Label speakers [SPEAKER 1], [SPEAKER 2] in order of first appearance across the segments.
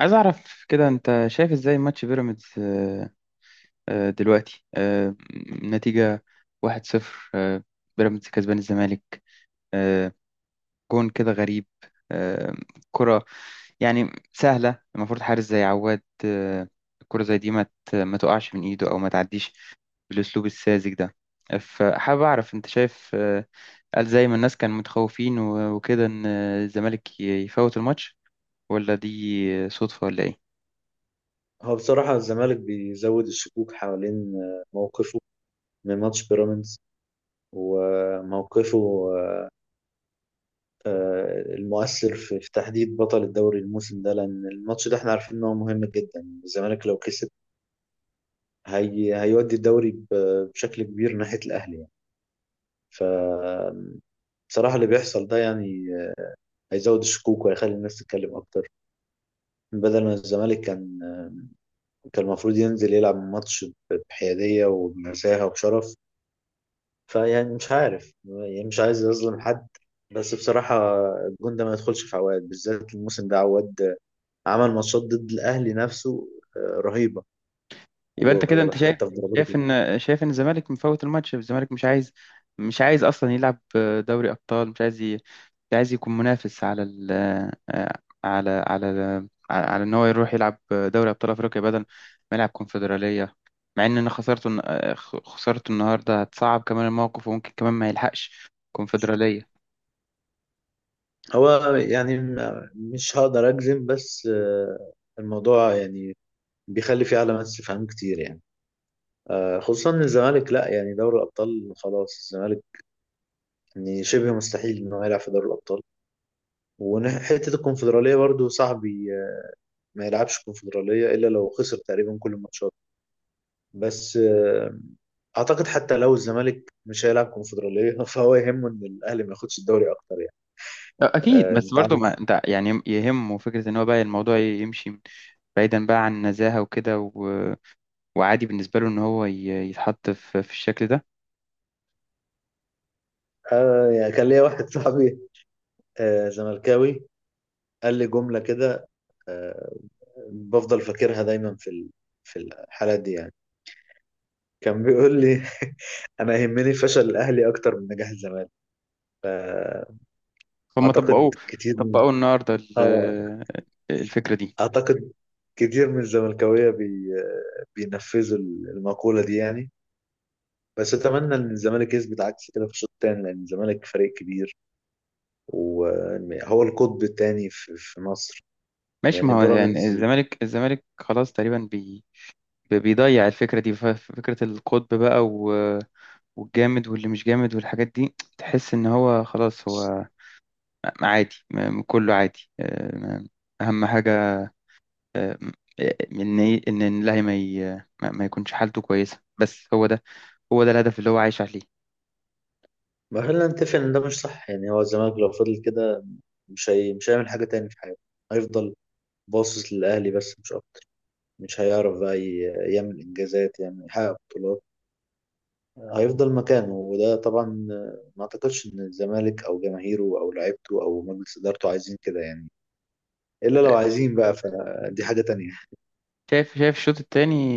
[SPEAKER 1] عايز اعرف كده، انت شايف ازاي ماتش بيراميدز؟ دلوقتي نتيجة 1-0. بيراميدز كسبان الزمالك. آه، جون كده غريب. آه، كرة يعني سهلة، المفروض حارس زي عواد، الكرة زي دي ما تقعش من ايده، او ما تعديش بالاسلوب الساذج ده. فحابب اعرف انت شايف، هل زي ما الناس كانوا متخوفين وكده ان الزمالك يفوت الماتش، ولا دي صدفة ولا ايه؟
[SPEAKER 2] هو بصراحة الزمالك بيزود الشكوك حوالين موقفه من ماتش بيراميدز، وموقفه المؤثر في تحديد بطل الدوري الموسم ده، لأن الماتش ده احنا عارفين إن هو مهم جدا. الزمالك لو كسب هي هيودي الدوري بشكل كبير ناحية الأهلي يعني. ف بصراحة اللي بيحصل ده يعني هيزود الشكوك وهيخلي الناس تتكلم أكتر. بدل ما الزمالك كان، المفروض ينزل يلعب ماتش بحيادية وبنزاهة وبشرف. فيعني مش عارف، يعني مش عايز أظلم حد، بس بصراحة الجون ده ما يدخلش في عواد. بالذات الموسم ده عواد عمل ماتشات ضد الأهلي نفسه رهيبة،
[SPEAKER 1] يبقى انت كده، انت شايف
[SPEAKER 2] وحتى في ضربات
[SPEAKER 1] شايف
[SPEAKER 2] الجزاء.
[SPEAKER 1] ان شايف ان الزمالك مفوت الماتش. الزمالك مش عايز اصلا يلعب دوري ابطال. مش عايز يكون منافس على على ان هو يروح يلعب دوري ابطال افريقيا بدل ما يلعب كونفدراليه، مع ان انا خسرته النهارده هتصعب كمان الموقف، وممكن كمان ما يلحقش كونفدراليه.
[SPEAKER 2] هو يعني مش هقدر أجزم، بس الموضوع يعني بيخلي فيه علامات استفهام كتير يعني، خصوصا إن الزمالك لا يعني دوري الأبطال خلاص. الزمالك يعني شبه مستحيل إنه يلعب في دوري الأبطال، وحتة الكونفدرالية برضو صعب، ما يلعبش كونفدرالية إلا لو خسر تقريبا كل الماتشات. بس أعتقد حتى لو الزمالك مش هيلعب كونفدرالية فهو يهمه إن الأهلي ما ياخدش الدوري أكتر يعني.
[SPEAKER 1] اكيد، بس
[SPEAKER 2] أنت
[SPEAKER 1] برضه
[SPEAKER 2] عارف،
[SPEAKER 1] ما انت يعني يهمه فكره ان هو بقى الموضوع يمشي بعيدا بقى عن النزاهه وكده، وعادي بالنسبة له إن هو يتحط في الشكل ده.
[SPEAKER 2] يعني كان ليا واحد صاحبي زملكاوي قال لي جملة كده. آه، بفضل فاكرها دايما في الحالات دي. يعني كان بيقول لي انا يهمني فشل الاهلي اكتر من نجاح الزمالك.
[SPEAKER 1] فهم
[SPEAKER 2] فاعتقد
[SPEAKER 1] طبقوه،
[SPEAKER 2] كتير من
[SPEAKER 1] طبقوه النهاردة
[SPEAKER 2] اه
[SPEAKER 1] الفكرة دي.
[SPEAKER 2] أعتقد كتير من الزملكاوية بينفذوا المقولة دي يعني. بس أتمنى إن الزمالك يثبت عكس كده في الشوط التاني، لأن الزمالك فريق كبير وهو القطب التاني في مصر.
[SPEAKER 1] ماشي،
[SPEAKER 2] يعني
[SPEAKER 1] ما هو يعني
[SPEAKER 2] بيراميدز،
[SPEAKER 1] الزمالك خلاص تقريبا بيضيع الفكرة دي، فكرة القطب بقى والجامد واللي مش جامد والحاجات دي. تحس إن هو خلاص هو عادي. كله عادي. أهم حاجة آه، إن إن اللاعب ما ما يكونش حالته كويسة. بس هو ده، هو ده الهدف اللي هو عايش عليه.
[SPEAKER 2] ما خلينا نتفق إن ده مش صح يعني. هو الزمالك لو فضل كده مش هيعمل حاجة تاني في حياته. هيفضل باصص للأهلي، بس مش أكتر. مش هيعرف بقى يعمل إنجازات يعني، يحقق بطولات. هيفضل مكانه، وده طبعا ما اعتقدش ان الزمالك او جماهيره او لعيبته او مجلس ادارته عايزين كده يعني، الا لو عايزين بقى فدي حاجة تانية.
[SPEAKER 1] شايف الشوط التاني،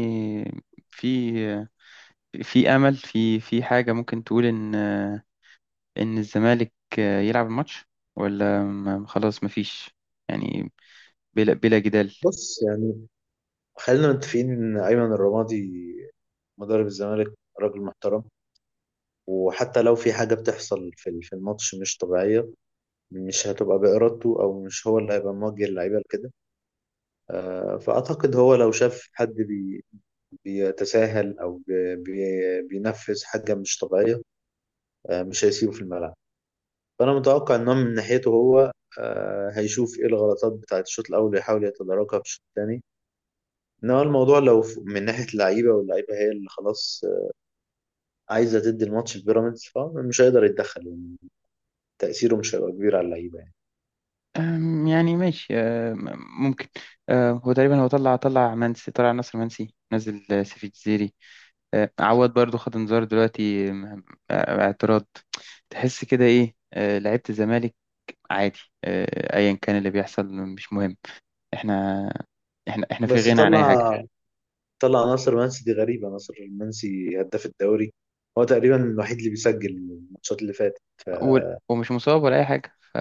[SPEAKER 1] في امل، في حاجه ممكن تقول ان الزمالك يلعب الماتش، ولا خلاص مفيش؟ يعني بلا جدال.
[SPEAKER 2] بص يعني، خلينا متفقين ان ايمن الرمادي مدرب الزمالك راجل محترم، وحتى لو في حاجة بتحصل في الماتش مش طبيعية، مش هتبقى بإرادته أو مش هو اللي هيبقى موجه اللعيبة لكده. فأعتقد هو لو شاف حد بيتساهل أو بينفذ حاجة مش طبيعية، مش هيسيبه في الملعب. فأنا متوقع إن هو من ناحيته هو هيشوف إيه الغلطات بتاعة الشوط الأول ويحاول يتداركها في الشوط الثاني. إنما الموضوع لو من ناحية اللعيبة، واللعيبة هي اللي خلاص عايزة تدي الماتش لبيراميدز، فمش هيقدر يتدخل يعني. تأثيره مش هيبقى كبير على اللعيبة يعني.
[SPEAKER 1] يعني ماشي. ممكن. هو تقريبا طلع نصر منسي، نزل سيف الجزيري. عواد برضو خد انذار دلوقتي. أم، آه، اعتراض. تحس كده ايه، لعيبه الزمالك عادي. ايا كان اللي بيحصل مش مهم. احنا، احنا في
[SPEAKER 2] بس
[SPEAKER 1] غنى عن اي حاجه.
[SPEAKER 2] طلع، ناصر منسي دي غريبة. ناصر منسي هداف الدوري، هو تقريبا الوحيد اللي بيسجل الماتشات اللي فاتت.
[SPEAKER 1] و- ومش مصاب ولا اي حاجه، ف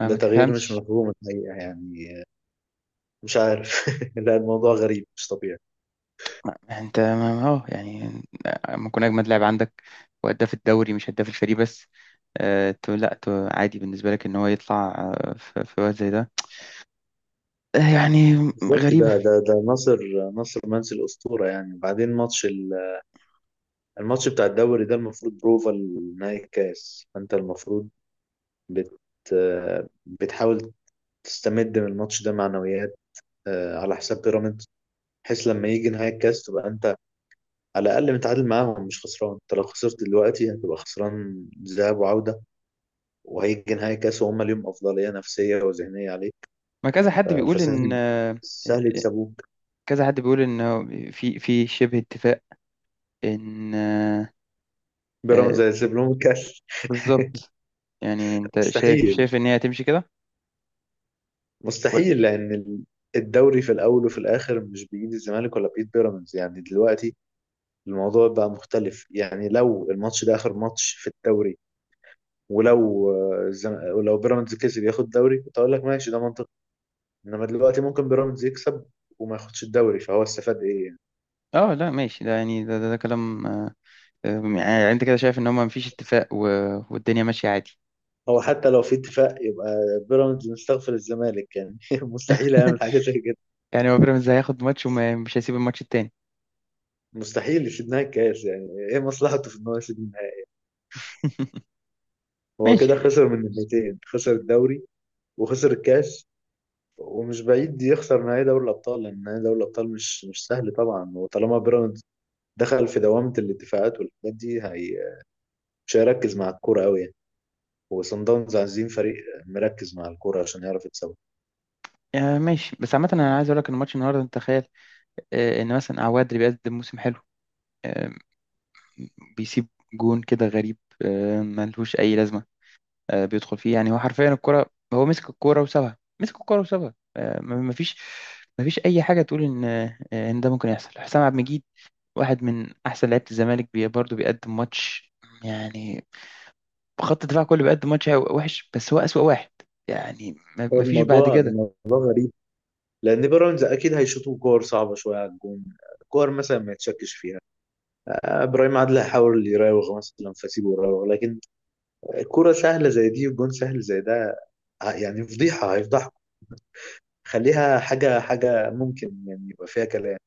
[SPEAKER 2] ده
[SPEAKER 1] ما
[SPEAKER 2] تغيير مش
[SPEAKER 1] تفهمش.
[SPEAKER 2] مفهوم الحقيقة يعني، مش عارف. لا الموضوع غريب، مش طبيعي.
[SPEAKER 1] انت يعني ممكن يكون اجمد لاعب عندك، وهداف الدوري مش هداف الفريق بس. تو لا تو عادي بالنسبه لك ان هو يطلع، في وقت زي ده. يعني
[SPEAKER 2] بالظبط، ده
[SPEAKER 1] غريبه.
[SPEAKER 2] ده ده ناصر منسي الأسطورة يعني. وبعدين ماتش الماتش بتاع الدوري ده المفروض بروفا لنهائي الكاس، فأنت المفروض بت بتحاول تستمد من الماتش ده معنويات على حساب بيراميدز، بحيث لما يجي نهائي الكاس تبقى أنت على الأقل متعادل معاهم، مش خسران. أنت لو خسرت دلوقتي هتبقى خسران ذهاب وعودة، وهيجي نهائي الكاس وهم ليهم أفضلية نفسية وذهنية عليك.
[SPEAKER 1] ما كذا حد بيقول ان
[SPEAKER 2] فسهل،
[SPEAKER 1] آه،
[SPEAKER 2] سهل يكسبوك.
[SPEAKER 1] كذا حد بيقول ان هو في شبه اتفاق ان آه،
[SPEAKER 2] بيراميدز هيسيب لهم الكاس؟
[SPEAKER 1] بالظبط. يعني انت شايف
[SPEAKER 2] مستحيل،
[SPEAKER 1] ان هي هتمشي كده.
[SPEAKER 2] مستحيل. لان الدوري في الاول وفي الاخر مش بايد الزمالك ولا بايد بيراميدز يعني. دلوقتي الموضوع بقى مختلف، يعني لو الماتش ده اخر ماتش في الدوري، ولو ولو بيراميدز كسب ياخد دوري، كنت اقول لك ماشي، ده منطقي. انما دلوقتي ممكن بيراميدز يكسب وما ياخدش الدوري، فهو استفاد ايه يعني؟
[SPEAKER 1] اه لا ماشي، ده يعني ده كلام. يعني انت كده شايف ان هما مفيش اتفاق والدنيا ماشية عادي.
[SPEAKER 2] هو حتى لو في اتفاق، يبقى بيراميدز مستغفر الزمالك يعني. مستحيل يعمل حاجه زي كده.
[SPEAKER 1] يعني هو بيراميدز هياخد ماتش ومش هيسيب الماتش التاني.
[SPEAKER 2] مستحيل يسيب لنا الكاس يعني، ايه مصلحته في ان هو يسيب لنا؟ هو كده
[SPEAKER 1] ماشي.
[SPEAKER 2] خسر من الناحيتين: خسر الدوري وخسر الكاس، ومش بعيد يخسر نهائي دوري الابطال، لان نهائي دوري الابطال مش سهل طبعا. وطالما بيراميدز دخل في دوامه الدفاعات والحاجات دي، هي مش هيركز مع الكوره قوي يعني. وصن داونز عايزين فريق مركز مع الكوره عشان يعرف يتسوق.
[SPEAKER 1] ماشي، بس عامة أنا عايز أقول لك إن ماتش النهاردة أنت تخيل، إن مثلا عواد اللي بيقدم موسم حلو آه، بيسيب جون كده غريب، ملهوش أي لازمة. بيدخل فيه. يعني هو حرفيا الكرة، هو مسك الكرة وسابها، مسك الكرة وسابها. مفيش أي حاجة تقول إن، إن ده ممكن يحصل. حسام عبد المجيد واحد من احسن لعيبه الزمالك، برضه بيقدم ماتش يعني. خط الدفاع كله بيقدم ماتش وحش، بس هو اسوأ واحد. يعني
[SPEAKER 2] هو
[SPEAKER 1] ما فيش بعد كده.
[SPEAKER 2] الموضوع غريب، لان بيراميدز اكيد هيشوطوا كور صعبه شويه على الجون، كور مثلا ما يتشكش فيها. ابراهيم عادل هيحاول يراوغ مثلا فسيبه يراوغ، لكن الكوره سهله زي دي والجون سهل زي ده يعني فضيحه هيفضحكم. خليها حاجه، ممكن يعني يبقى فيها كلام.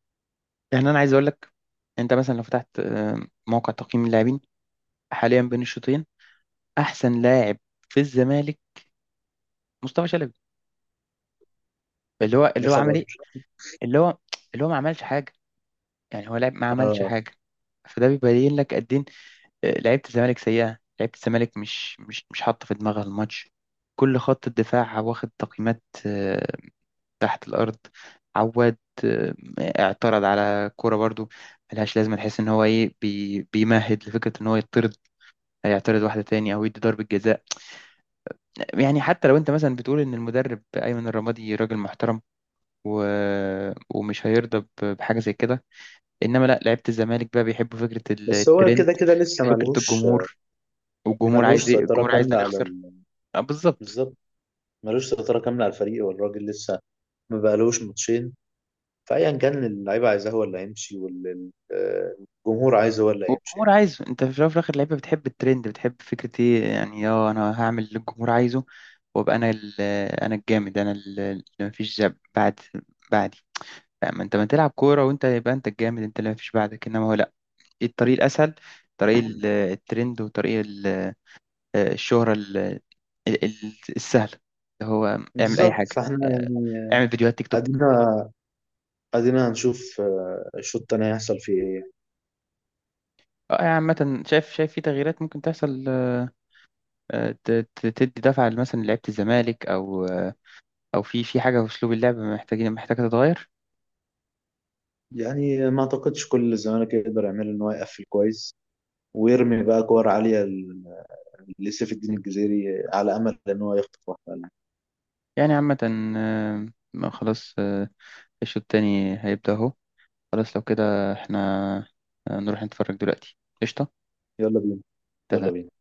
[SPEAKER 1] يعني انا عايز اقول لك، انت مثلا لو فتحت، موقع تقييم اللاعبين حاليا بين الشوطين، احسن لاعب في الزمالك مصطفى شلبي.
[SPEAKER 2] يا
[SPEAKER 1] اللي هو عمل
[SPEAKER 2] خبر.
[SPEAKER 1] ايه؟ اللي هو اللي هو ما عملش حاجه. يعني هو لاعب، ما عملش
[SPEAKER 2] اه
[SPEAKER 1] حاجه. فده بيبين لك قد ايه، لعيبه الزمالك سيئه. لعيبه الزمالك مش حاطه في دماغها الماتش. كل خط الدفاع واخد تقييمات، تحت الأرض. عواد آه، اعترض على كورة برضو ملهاش لازمة. نحس إن هو إيه، بيمهد لفكرة إن هو يطرد. هيعترض واحدة تاني أو يدي ضربة جزاء. يعني حتى لو أنت مثلا بتقول إن المدرب أيمن الرمادي راجل محترم و... ومش هيرضى بحاجة زي كده، إنما لا، لعيبة الزمالك بقى بيحبوا فكرة
[SPEAKER 2] بس هو
[SPEAKER 1] الترند
[SPEAKER 2] كده كده لسه
[SPEAKER 1] وفكرة
[SPEAKER 2] ملهوش،
[SPEAKER 1] الجمهور. والجمهور عايز إيه؟
[SPEAKER 2] سيطرة
[SPEAKER 1] الجمهور
[SPEAKER 2] كاملة.
[SPEAKER 1] عايزنا نخسر. بالظبط.
[SPEAKER 2] بالظبط. ملوش سيطرة كاملة على الفريق، والراجل لسه ما بقالهوش ماتشين، فأيا كان اللعيبة عايزاه هو اللي هيمشي، والجمهور عايزه هو اللي هيمشي
[SPEAKER 1] والجمهور
[SPEAKER 2] يعني.
[SPEAKER 1] عايزه. انت في الاول وفي الاخر، لعيبه بتحب الترند، بتحب فكره ايه يعني، اه، انا هعمل اللي الجمهور عايزه، وابقى انا انا الجامد، انا اللي مفيش بعدي. لا، ما انت ما تلعب كوره وانت يبقى انت الجامد، انت اللي مفيش بعدك. انما هو لا، ايه الطريق الاسهل؟ طريق الترند، وطريق الشهره السهله، اللي هو اعمل اي
[SPEAKER 2] بالظبط،
[SPEAKER 1] حاجه.
[SPEAKER 2] فاحنا
[SPEAKER 1] اه،
[SPEAKER 2] يعني
[SPEAKER 1] اعمل فيديوهات تيك توك.
[SPEAKER 2] ادينا، هنشوف الشوط التاني هيحصل فيه ايه.
[SPEAKER 1] اه يعني عامة شايف في تغييرات ممكن تحصل، اه، اه، تدي دفعة مثلا لعيبة الزمالك، أو او في حاجه في اسلوب اللعب، محتاجه تتغير.
[SPEAKER 2] يعني ما اعتقدش كل الزمالك يقدر يعمل ان هو يقفل كويس، ويرمي بقى كور عالية لسيف الدين الجزيري، على امل ان هو يخطف واحدة.
[SPEAKER 1] يعني عامه آه، ما خلاص. الشوط التاني هيبدأ اهو. خلاص لو كده، احنا، نروح نتفرج دلوقتي، قشطه.
[SPEAKER 2] يلا بينا، يلا
[SPEAKER 1] اتفقنا.
[SPEAKER 2] بينا.